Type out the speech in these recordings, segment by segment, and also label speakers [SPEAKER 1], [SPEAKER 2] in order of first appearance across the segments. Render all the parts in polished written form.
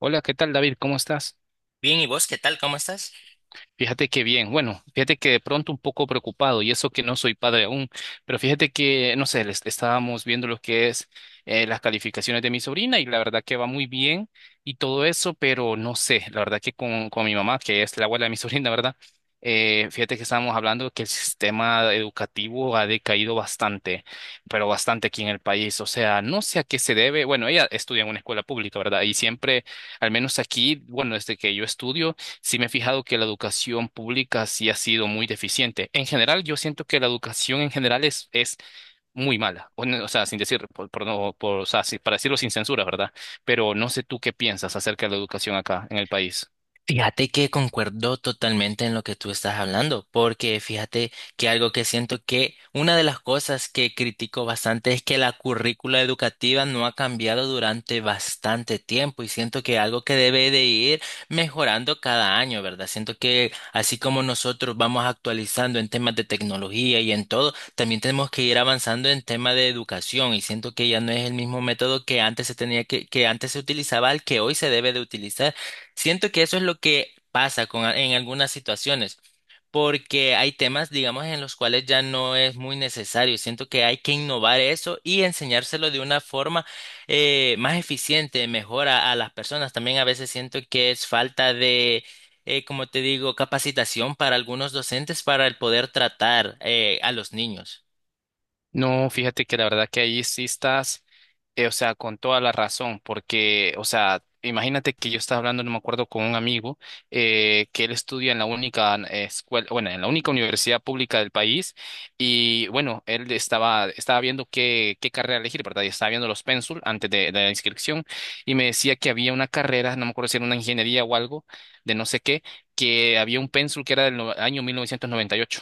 [SPEAKER 1] Hola, ¿qué tal, David? ¿Cómo estás?
[SPEAKER 2] Bien, ¿y vos qué tal? ¿Cómo estás?
[SPEAKER 1] Fíjate que bien, bueno, fíjate que de pronto un poco preocupado y eso que no soy padre aún, pero fíjate que, no sé, estábamos viendo lo que es las calificaciones de mi sobrina y la verdad que va muy bien y todo eso, pero no sé, la verdad que con mi mamá, que es la abuela de mi sobrina, ¿verdad? Fíjate que estábamos hablando que el sistema educativo ha decaído bastante, pero bastante aquí en el país, o sea, no sé a qué se debe, bueno, ella estudia en una escuela pública, ¿verdad? Y siempre, al menos aquí, bueno, desde que yo estudio, sí me he fijado que la educación pública sí ha sido muy deficiente. En general, yo siento que la educación en general es muy mala. O sea, sin decir, por no, o sea, sí, para decirlo sin censura, ¿verdad? Pero no sé tú qué piensas acerca de la educación acá en el país.
[SPEAKER 2] Fíjate que concuerdo totalmente en lo que tú estás hablando, porque fíjate que algo que siento que una de las cosas que critico bastante es que la currícula educativa no ha cambiado durante bastante tiempo y siento que algo que debe de ir mejorando cada año, ¿verdad? Siento que así como nosotros vamos actualizando en temas de tecnología y en todo, también tenemos que ir avanzando en temas de educación y siento que ya no es el mismo método que antes se tenía que antes se utilizaba al que hoy se debe de utilizar. Siento que eso es lo que pasa con, a- en algunas situaciones, porque hay temas, digamos, en los cuales ya no es muy necesario. Siento que hay que innovar eso y enseñárselo de una forma más eficiente, mejor a las personas. También a veces siento que es falta de, como te digo, capacitación para algunos docentes para el poder tratar a los niños.
[SPEAKER 1] No, fíjate que la verdad que ahí sí estás, o sea, con toda la razón, porque, o sea, imagínate que yo estaba hablando, no me acuerdo, con un amigo que él estudia en la única escuela, bueno, en la única universidad pública del país y, bueno, él estaba viendo qué carrera elegir, ¿verdad? Y estaba viendo los pénsul antes de la inscripción y me decía que había una carrera, no me acuerdo si era una ingeniería o algo, de no sé qué, que había un pénsul que era del año 1998.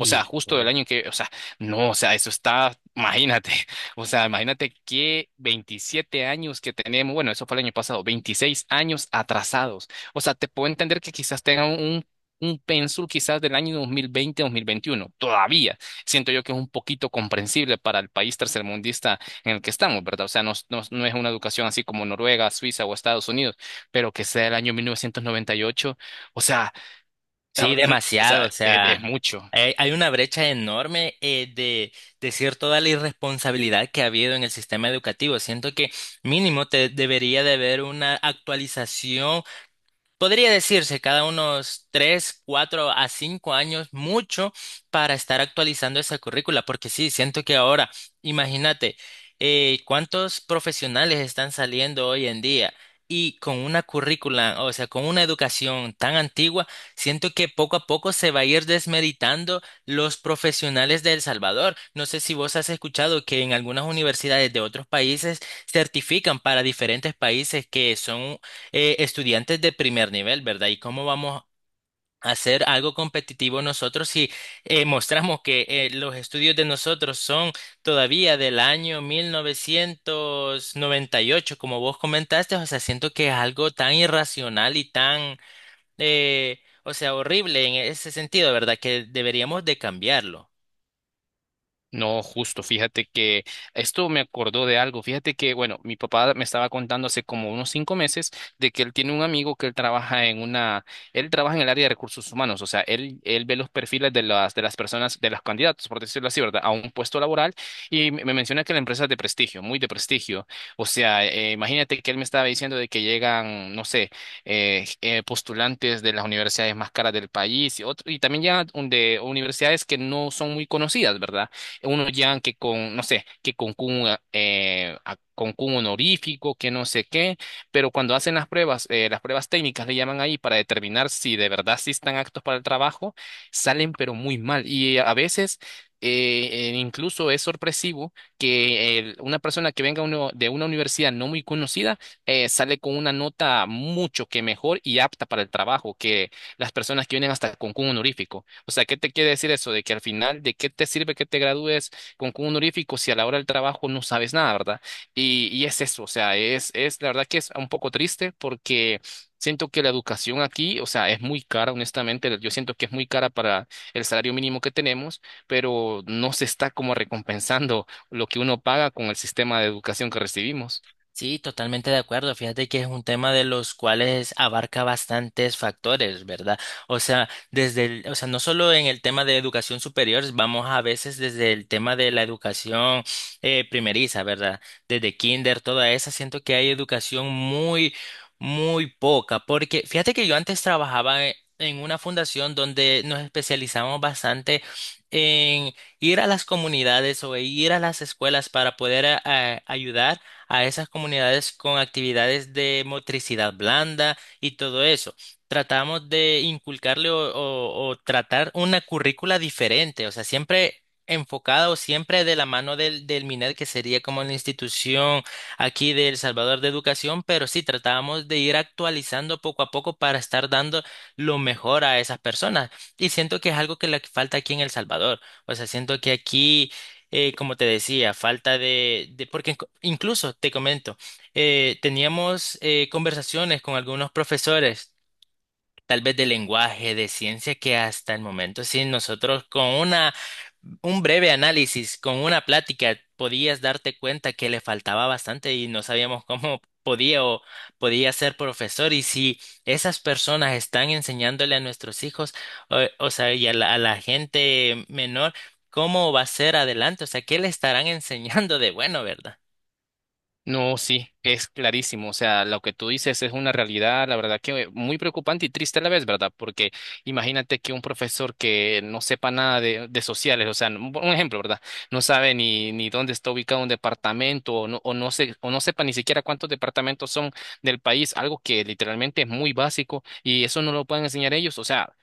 [SPEAKER 1] O sea, justo del año que, o sea, no, o sea, eso está, imagínate, o sea, imagínate que 27 años que tenemos, bueno, eso fue el año pasado, 26 años atrasados. O sea, te puedo entender que quizás tengan un pénsul quizás del año 2020, 2021, todavía. Siento yo que es un poquito comprensible para el país tercermundista en el que estamos, ¿verdad? O sea, no, no, no es una educación así como Noruega, Suiza o Estados Unidos, pero que sea el año 1998. O sea,
[SPEAKER 2] Sí,
[SPEAKER 1] o
[SPEAKER 2] demasiado,
[SPEAKER 1] sea,
[SPEAKER 2] o
[SPEAKER 1] es
[SPEAKER 2] sea,
[SPEAKER 1] mucho.
[SPEAKER 2] hay una brecha enorme de decir toda la irresponsabilidad que ha habido en el sistema educativo. Siento que mínimo te debería de haber una actualización. Podría decirse cada unos tres, cuatro a cinco años, mucho para estar actualizando esa currícula, porque sí, siento que ahora, imagínate, cuántos profesionales están saliendo hoy en día y con una currícula, o sea, con una educación tan antigua, siento que poco a poco se va a ir desmeritando los profesionales de El Salvador. No sé si vos has escuchado que en algunas universidades de otros países certifican para diferentes países que son estudiantes de primer nivel, ¿verdad? ¿Y cómo vamos a hacer algo competitivo nosotros si mostramos que los estudios de nosotros son todavía del año 1998, como vos comentaste? O sea, siento que es algo tan irracional y tan, o sea, horrible en ese sentido, ¿verdad? Que deberíamos de cambiarlo.
[SPEAKER 1] No, justo, fíjate que esto me acordó de algo. Fíjate que, bueno, mi papá me estaba contando hace como unos 5 meses de que él tiene un amigo que él trabaja en el área de recursos humanos, o sea, él ve los perfiles de las personas, de los candidatos, por decirlo así, ¿verdad? A un puesto laboral y me menciona que la empresa es de prestigio, muy de prestigio. O sea, imagínate que él me estaba diciendo de que llegan, no sé, postulantes de las universidades más caras del país y, y también llegan de universidades que no son muy conocidas, ¿verdad? Unos llegan que con, no sé, que con un honorífico, que no sé qué, pero cuando hacen las pruebas técnicas le llaman ahí para determinar si de verdad sí están aptos para el trabajo, salen pero muy mal. Y a veces incluso es sorpresivo que una persona que venga de una universidad no muy conocida sale con una nota mucho que mejor y apta para el trabajo, que las personas que vienen hasta con un honorífico. O sea, ¿qué te quiere decir eso? De que al final, ¿de qué te sirve que te gradúes con un honorífico si a la hora del trabajo no sabes nada, ¿verdad? Y es eso, o sea, es la verdad que es un poco triste porque… Siento que la educación aquí, o sea, es muy cara, honestamente, yo siento que es muy cara para el salario mínimo que tenemos, pero no se está como recompensando lo que uno paga con el sistema de educación que recibimos.
[SPEAKER 2] Sí, totalmente de acuerdo. Fíjate que es un tema de los cuales abarca bastantes factores, ¿verdad? O sea, desde el- o sea, no solo en el tema de educación superior, vamos a veces desde el tema de la educación primeriza, ¿verdad? Desde kinder, toda esa, siento que hay educación muy, muy poca, porque fíjate que yo antes trabajaba e- en una fundación donde nos especializamos bastante en ir a las comunidades o ir a las escuelas para poder ayudar a esas comunidades con actividades de motricidad blanda y todo eso. Tratamos de inculcarle o tratar una currícula diferente, o sea, siempre enfocada o siempre de la mano del MINED, que sería como la institución aquí de El Salvador de Educación, pero sí tratábamos de ir actualizando poco a poco para estar dando lo mejor a esas personas. Y siento que es algo que le falta aquí en El Salvador. O sea, siento que aquí como te decía, falta de- porque inc- incluso te comento, teníamos conversaciones con algunos profesores tal vez de lenguaje, de ciencia, que hasta el momento, sí, nosotros con una, un breve análisis, con una plática, podías darte cuenta que le faltaba bastante y no sabíamos cómo podía o podía ser profesor. Y si esas personas están enseñándole a nuestros hijos, o sea, y a la gente menor, ¿cómo va a ser adelante? O sea, ¿qué le estarán enseñando de bueno, verdad?
[SPEAKER 1] No, sí, es clarísimo. O sea, lo que tú dices es una realidad, la verdad que muy preocupante y triste a la vez, ¿verdad? Porque imagínate que un profesor que no sepa nada de sociales, o sea, un ejemplo, ¿verdad? No sabe ni dónde está ubicado un departamento o no sepa ni siquiera cuántos departamentos son del país, algo que literalmente es muy básico y eso no lo pueden enseñar ellos. O sea,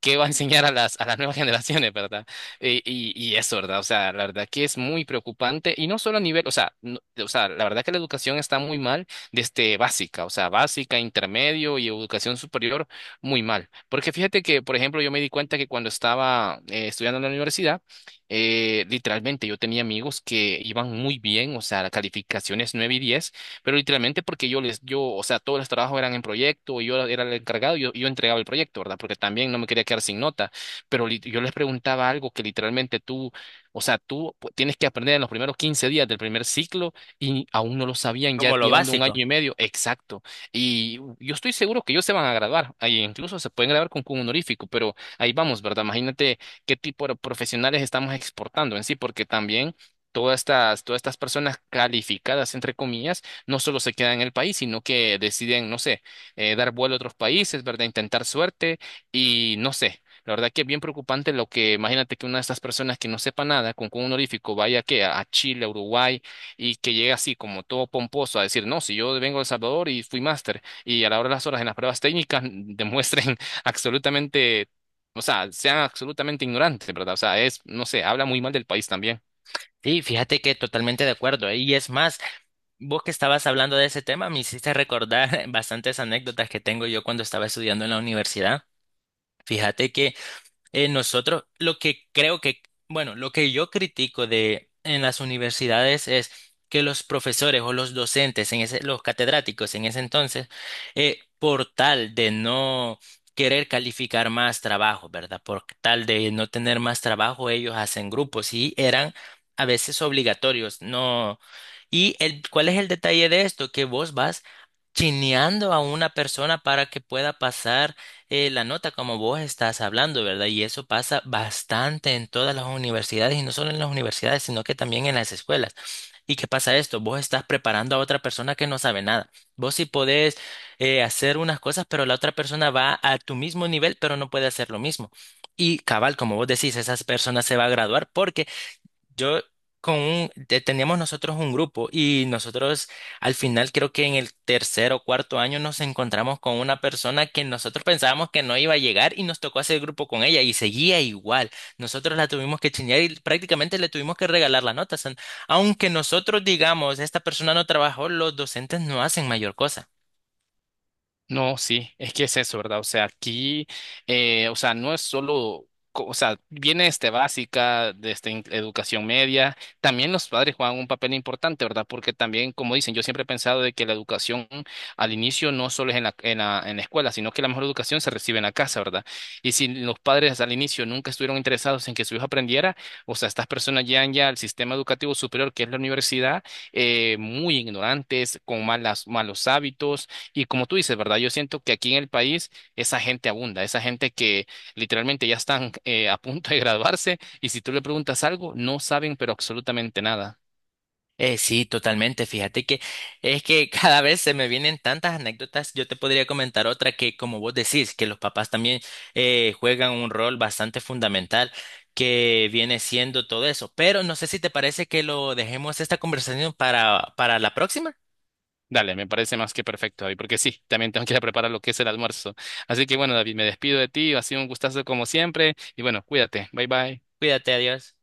[SPEAKER 1] ¿qué va a enseñar a las nuevas generaciones, ¿verdad? Y eso, ¿verdad? O sea, la verdad que es muy preocupante y no solo a nivel, o sea, o sea, la verdad que la educación está muy mal desde básica, o sea, básica, intermedio y educación superior, muy mal. Porque fíjate que, por ejemplo, yo me di cuenta que cuando estaba estudiando en la universidad, literalmente yo tenía amigos que iban muy bien, o sea, calificaciones 9 y 10, pero literalmente porque yo les, yo, o sea, todos los trabajos eran en proyecto y yo era el encargado y yo entregaba el proyecto, ¿verdad? Porque también no me quería quedar sin nota pero yo les preguntaba algo que literalmente tú, o sea, tú tienes que aprender en los primeros 15 días del primer ciclo y aún no lo sabían, ya
[SPEAKER 2] Como lo
[SPEAKER 1] llevando un año
[SPEAKER 2] básico.
[SPEAKER 1] y medio, exacto. Y yo estoy seguro que ellos se van a graduar, ahí incluso se pueden graduar con honorífico, pero ahí vamos, ¿verdad? Imagínate qué tipo de profesionales estamos exportando en sí, porque también… todas estas personas calificadas, entre comillas, no solo se quedan en el país, sino que deciden, no sé, dar vuelo a otros países, ¿verdad? Intentar suerte y no sé, la verdad que es bien preocupante lo que, imagínate que una de estas personas que no sepa nada, con un honorífico, vaya que a Chile, a Uruguay, y que llegue así como todo pomposo a decir, no, si yo vengo de El Salvador y fui máster, y a la hora de las horas en las pruebas técnicas demuestren absolutamente, o sea, sean absolutamente ignorantes, ¿verdad? O sea, es, no sé, habla muy mal del país también.
[SPEAKER 2] Sí, fíjate que totalmente de acuerdo. ¿Eh? Y es más, vos que estabas hablando de ese tema, me hiciste recordar bastantes anécdotas que tengo yo cuando estaba estudiando en la universidad. Fíjate que nosotros, lo que creo que, bueno, lo que yo critico de en las universidades es que los profesores o los docentes, en ese, los catedráticos en ese entonces, por tal de no querer calificar más trabajo, ¿verdad? Por tal de no tener más trabajo, ellos hacen grupos y eran a veces obligatorios, no. ¿Y el, cuál es el detalle de esto? Que vos vas chineando a una persona para que pueda pasar la nota como vos estás hablando, ¿verdad? Y eso pasa bastante en todas las universidades y no solo en las universidades, sino que también en las escuelas. ¿Y qué pasa esto? Vos estás preparando a otra persona que no sabe nada. Vos sí podés hacer unas cosas, pero la otra persona va a tu mismo nivel, pero no puede hacer lo mismo. Y cabal, como vos decís, esa persona se va a graduar porque yo con un, te- teníamos nosotros un grupo y nosotros al final creo que en el tercer o cuarto año nos encontramos con una persona que nosotros pensábamos que no iba a llegar y nos tocó hacer grupo con ella y seguía igual. Nosotros la tuvimos que chinear y prácticamente le tuvimos que regalar las notas. Aunque nosotros digamos, esta persona no trabajó, los docentes no hacen mayor cosa.
[SPEAKER 1] No, sí, es que es eso, ¿verdad? O sea, aquí, o sea, no es solo, o sea, viene este básica, de este, educación media, también los padres juegan un papel importante, ¿verdad? Porque también, como dicen, yo siempre he pensado de que la educación al inicio no solo es en la, en la, en la escuela, sino que la mejor educación se recibe en la casa, ¿verdad? Y si los padres al inicio nunca estuvieron interesados en que su hijo aprendiera, o sea, estas personas llegan ya al sistema educativo superior, que es la universidad, muy ignorantes, con malos hábitos y como tú dices, ¿verdad? Yo siento que aquí en el país esa gente abunda, esa gente que literalmente ya están a punto de graduarse y si tú le preguntas algo, no saben pero absolutamente nada.
[SPEAKER 2] Sí, totalmente. Fíjate que es que cada vez se me vienen tantas anécdotas. Yo te podría comentar otra que, como vos decís, que los papás también juegan un rol bastante fundamental que viene siendo todo eso. Pero no sé si te parece que lo dejemos esta conversación para la próxima.
[SPEAKER 1] Dale, me parece más que perfecto, David, porque sí, también tengo que ir a preparar lo que es el almuerzo. Así que bueno, David, me despido de ti, ha sido un gustazo como siempre y bueno, cuídate, bye bye.
[SPEAKER 2] Cuídate, adiós.